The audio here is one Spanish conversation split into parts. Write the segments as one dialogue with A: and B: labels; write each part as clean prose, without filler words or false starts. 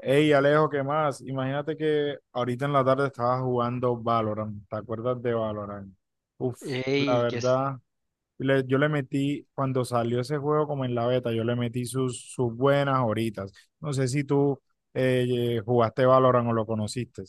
A: Hey, Alejo, ¿qué más? Imagínate que ahorita en la tarde estaba jugando Valorant. ¿Te acuerdas de Valorant? Uf, la
B: Ey, que es,
A: verdad, yo le metí cuando salió ese juego como en la beta. Yo le metí sus buenas horitas. No sé si tú jugaste Valorant o lo conociste.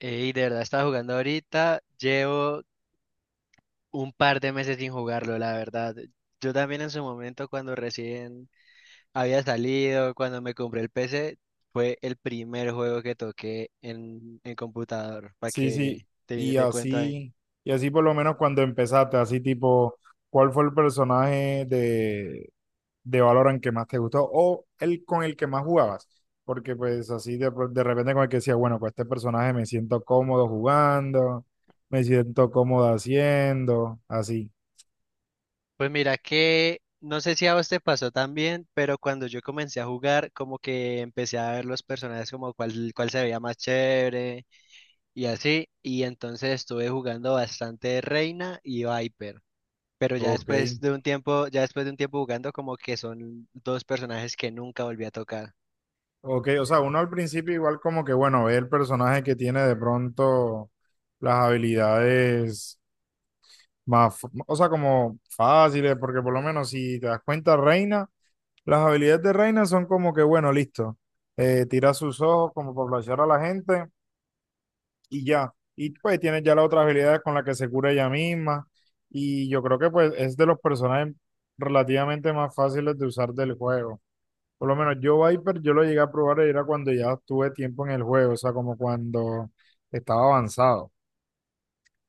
B: ey, de verdad estaba jugando ahorita. Llevo un par de meses sin jugarlo, la verdad. Yo también en su momento, cuando recién había salido, cuando me compré el PC, fue el primer juego que toqué en computador, para
A: Sí, sí,
B: que te,
A: y
B: te cuento ahí.
A: así, y así por lo menos cuando empezaste, así tipo, ¿cuál fue el personaje de Valorant que más te gustó o el con el que más jugabas? Porque pues así de, de repente con el que decía, bueno, con este personaje me siento cómodo jugando, me siento cómodo haciendo, así.
B: Pues mira que, no sé si a vos te pasó también, pero cuando yo comencé a jugar, como que empecé a ver los personajes como cuál se veía más chévere y así. Y entonces estuve jugando bastante Reina y Viper. Pero ya
A: Ok.
B: después de un tiempo, ya después de un tiempo jugando, como que son dos personajes que nunca volví a tocar.
A: Ok, o sea, uno al principio igual como que, bueno, ve el personaje que tiene de pronto las habilidades más, o sea, como fáciles, porque por lo menos si te das cuenta, Reina, las habilidades de Reina son como que, bueno, listo, tira sus ojos como para flashear a la gente y ya. Y pues tiene ya la otra habilidad con la que se cura ella misma. Y yo creo que pues es de los personajes relativamente más fáciles de usar del juego. Por lo menos yo Viper, yo lo llegué a probar era cuando ya tuve tiempo en el juego, o sea, como cuando estaba avanzado.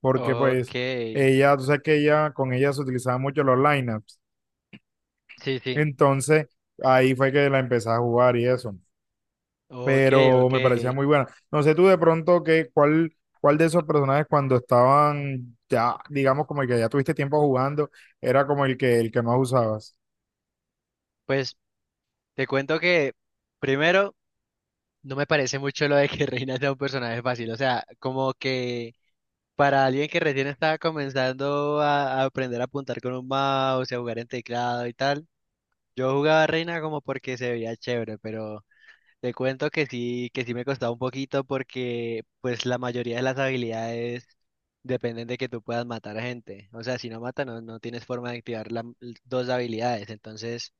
A: Porque
B: Ok,
A: pues ella, tú sabes que ella, con ella se utilizaban mucho los lineups.
B: sí, sí.
A: Entonces ahí fue que la empecé a jugar y eso.
B: Ok,
A: Pero
B: ok.
A: me parecía muy buena. No sé tú de pronto que, cuál de esos personajes cuando estaban ya, digamos, como el que ya tuviste tiempo jugando, era como el que más usabas.
B: Pues te cuento que primero no me parece mucho lo de que Reina sea un personaje fácil. O sea, como que para alguien que recién estaba comenzando a aprender a apuntar con un mouse y a jugar en teclado y tal, yo jugaba a Reina como porque se veía chévere, pero te cuento que sí me costaba un poquito porque pues la mayoría de las habilidades dependen de que tú puedas matar a gente. O sea, si no mata, no, no tienes forma de activar las dos habilidades. Entonces,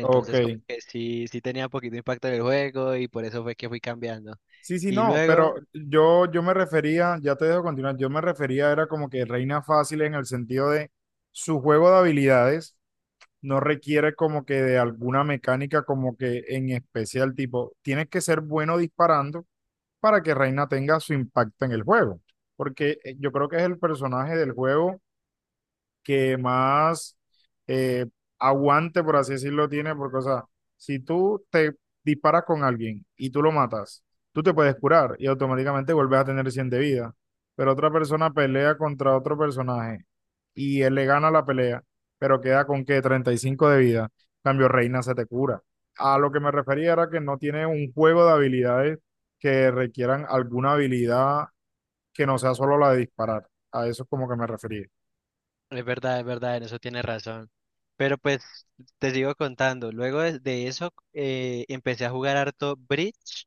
A: Ok.
B: como que sí, sí tenía un poquito de impacto en el juego y por eso fue que fui cambiando.
A: Sí, sí,
B: Y
A: no, pero
B: luego,
A: yo me refería, ya te dejo continuar, yo me refería, era como que Reina fácil, en el sentido de su juego de habilidades. No requiere como que de alguna mecánica como que en especial tipo, tienes que ser bueno disparando para que Reina tenga su impacto en el juego. Porque yo creo que es el personaje del juego que más eh, aguante, por así decirlo, tiene. Porque, o sea, si tú te disparas con alguien y tú lo matas, tú te puedes curar y automáticamente vuelves a tener 100 de vida. Pero otra persona pelea contra otro personaje y él le gana la pelea, pero queda con que 35 de vida. En cambio Reina se te cura. A lo que me refería era que no tiene un juego de habilidades que requieran alguna habilidad que no sea solo la de disparar. A eso es como que me refería.
B: es verdad, en eso tienes razón. Pero pues te sigo contando. Luego de eso empecé a jugar harto Bridge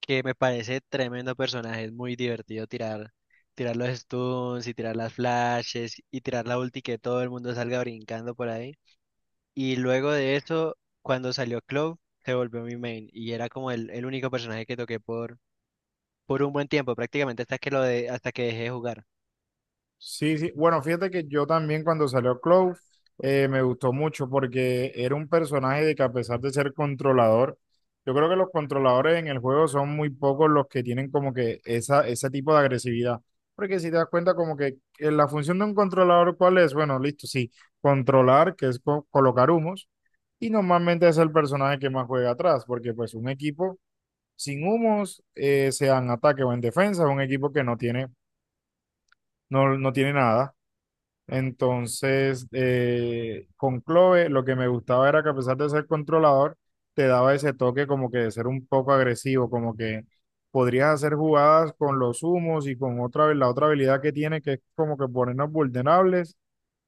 B: que me parece tremendo personaje. Es muy divertido tirar, tirar los stuns y tirar las flashes y tirar la ulti que todo el mundo salga brincando por ahí. Y luego de eso, cuando salió Clove, se volvió mi main y era como el único personaje que toqué por un buen tiempo, prácticamente hasta que lo de, hasta que dejé de jugar.
A: Sí, sí. Bueno, fíjate que yo también cuando salió Clove me gustó mucho porque era un personaje de que, a pesar de ser controlador, yo creo que los controladores en el juego son muy pocos los que tienen como que esa, ese tipo de agresividad. Porque si te das cuenta como que la función de un controlador, ¿cuál es? Bueno, listo, sí, controlar, que es colocar humos, y normalmente es el personaje que más juega atrás, porque pues un equipo sin humos, sea en ataque o en defensa, es un equipo que no tiene, no, no tiene nada. Entonces, con Clove lo que me gustaba era que, a pesar de ser controlador, te daba ese toque como que de ser un poco agresivo, como que podrías hacer jugadas con los humos y con otra, la otra habilidad que tiene, que es como que ponernos vulnerables,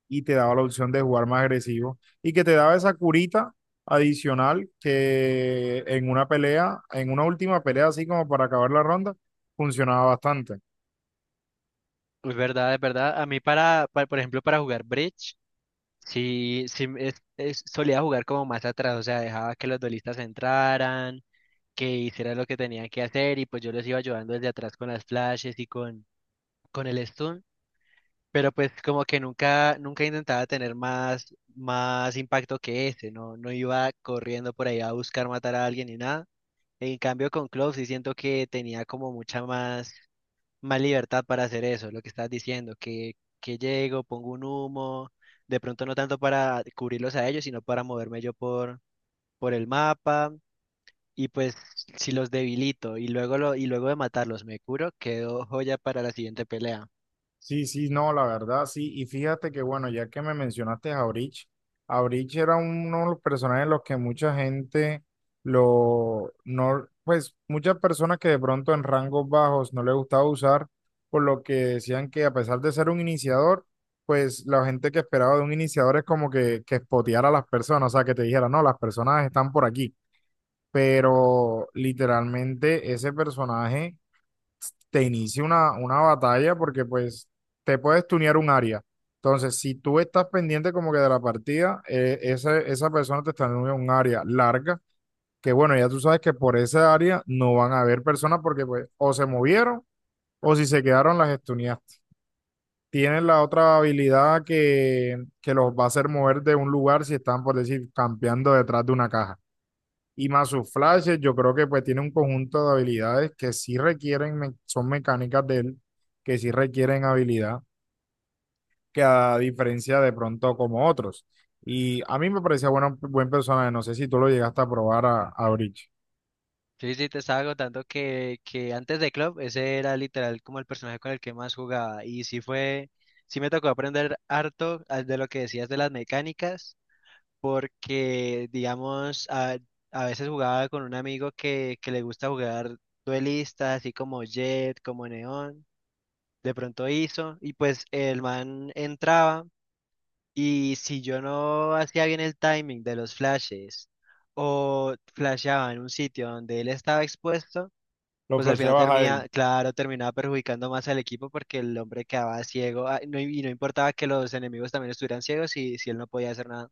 A: y te daba la opción de jugar más agresivo y que te daba esa curita adicional que en una pelea, en una última pelea, así como para acabar la ronda, funcionaba bastante.
B: Es verdad, es verdad. A mí para, por ejemplo, para jugar Bridge, sí, sí solía jugar como más atrás, o sea, dejaba que los duelistas entraran que hicieran lo que tenían que hacer y pues yo les iba ayudando desde atrás con las flashes y con el stun, pero pues como que nunca, nunca intentaba tener más, más impacto que ese, no, no iba corriendo por ahí a buscar matar a alguien ni nada. En cambio con Clove sí siento que tenía como mucha más, más libertad para hacer eso, lo que estás diciendo, que llego, pongo un humo, de pronto no tanto para cubrirlos a ellos, sino para moverme yo por el mapa y pues si los debilito y luego lo, y luego de matarlos me curo, quedo joya para la siguiente pelea.
A: Sí, sí, no, la verdad, sí. Y fíjate que, bueno, ya que me mencionaste a Breach, era uno de los personajes en los que mucha gente lo, no, pues muchas personas que de pronto en rangos bajos no les gustaba usar, por lo que decían que, a pesar de ser un iniciador, pues la gente que esperaba de un iniciador es como que spoteara a las personas, o sea, que te dijera, no, las personas están por aquí. Pero literalmente ese personaje te inicie una batalla porque pues te puedes tunear un área. Entonces, si tú estás pendiente como que de la partida, esa persona te está tuneando un área larga, que bueno, ya tú sabes que por esa área no van a haber personas porque pues o se movieron o si se quedaron las estuneaste. Tienen la otra habilidad que los va a hacer mover de un lugar si están, por decir, campeando detrás de una caja. Y más sus flashes, yo creo que pues tiene un conjunto de habilidades que sí requieren, son mecánicas de él, que sí requieren habilidad, que a diferencia de pronto como otros. Y a mí me parecía bueno, buen personaje, no sé si tú lo llegaste a probar a Breach.
B: Sí, sí, te estaba contando que antes de Club ese era literal como el personaje con el que más jugaba. Y sí fue, sí me tocó aprender harto de lo que decías de las mecánicas, porque digamos, a veces jugaba con un amigo que le gusta jugar duelistas, así como Jet, como Neón. De pronto hizo, y pues el man entraba. Y si yo no hacía bien el timing de los flashes o flasheaba en un sitio donde él estaba expuesto,
A: Lo
B: pues al final
A: flasheabas a él.
B: termina, claro, terminaba perjudicando más al equipo porque el hombre quedaba ciego no, y no importaba que los enemigos también estuvieran ciegos y si él no podía hacer nada.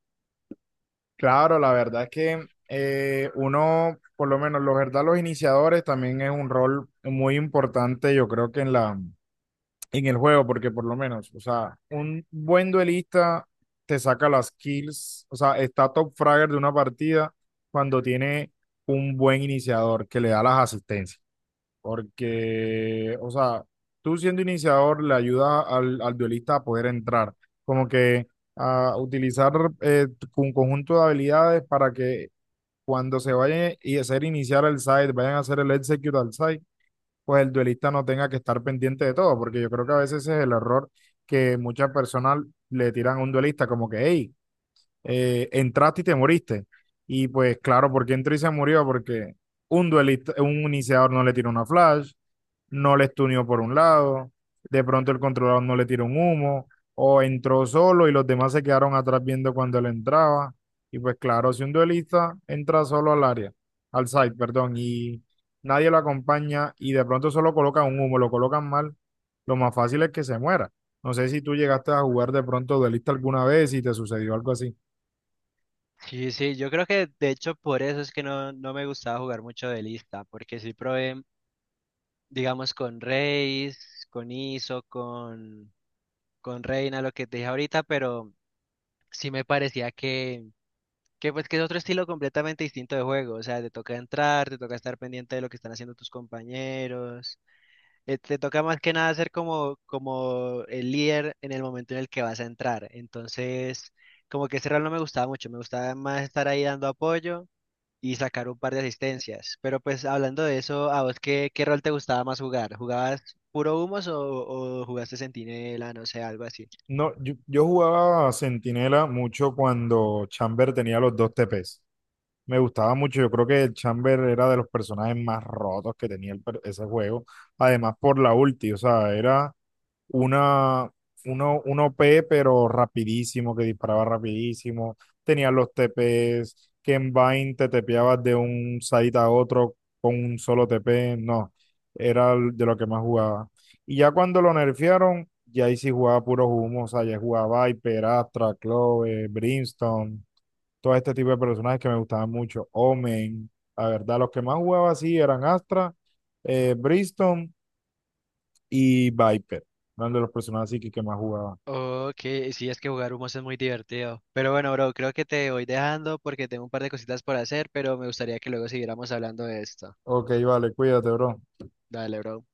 A: Claro, la verdad es que uno, por lo menos, los verdad, los iniciadores también es un rol muy importante, yo creo que en el juego, porque por lo menos, o sea, un buen duelista te saca las kills, o sea, está top fragger de una partida cuando tiene un buen iniciador que le da las asistencias, porque, o sea, tú siendo iniciador le ayuda al duelista a poder entrar, como que a utilizar eh, un conjunto de habilidades para que cuando se vayan y hacer iniciar el side, vayan a hacer el execute al side, pues el duelista no tenga que estar pendiente de todo, porque yo creo que a veces ese es el error que muchas personas le tiran a un duelista, como que, hey, entraste y te moriste. Y pues claro, ¿por qué entró y se murió? Porque un duelista, un iniciador no le tira una flash, no le estunió por un lado, de pronto el controlador no le tiró un humo, o entró solo y los demás se quedaron atrás viendo cuando él entraba. Y pues claro, si un duelista entra solo al área, al side perdón, y nadie lo acompaña y de pronto solo colocan un humo, lo colocan mal, lo más fácil es que se muera. No sé si tú llegaste a jugar de pronto duelista alguna vez y te sucedió algo así.
B: Sí, sí, yo creo que de hecho por eso es que no, no me gustaba jugar mucho de lista, porque sí probé, digamos, con Reis, con Iso, con Reina, lo que te dije ahorita, pero sí me parecía que pues que es otro estilo completamente distinto de juego, o sea, te toca entrar, te toca estar pendiente de lo que están haciendo tus compañeros, te toca más que nada ser como, como el líder en el momento en el que vas a entrar. Entonces, como que ese rol no me gustaba mucho, me gustaba más estar ahí dando apoyo y sacar un par de asistencias. Pero pues hablando de eso, ¿a vos qué, qué rol te gustaba más jugar? ¿Jugabas puro humos o jugaste centinela, no sé, algo así?
A: No, yo, jugaba a Centinela mucho cuando Chamber tenía los dos TPs. Me gustaba mucho, yo creo que el Chamber era de los personajes más rotos que tenía el ese juego, además por la ulti, o sea, era una, un O p pero rapidísimo, que disparaba rapidísimo, tenía los TPs, que en Vayne te tepeabas de un site a otro con un solo TP, no, era de lo que más jugaba. Y ya cuando lo nerfearon, ya ahí sí jugaba puro humo, o sea, ya jugaba Viper, Astra, Clove, Brimstone, todo este tipo de personajes que me gustaban mucho. Omen, la verdad, los que más jugaba así eran Astra, Briston y Viper. Eran de los personajes así que más jugaba.
B: Ok, sí, es que jugar humos es muy divertido. Pero bueno, bro, creo que te voy dejando porque tengo un par de cositas por hacer, pero me gustaría que luego siguiéramos hablando de esto.
A: Ok, vale, cuídate, bro.
B: Dale, bro.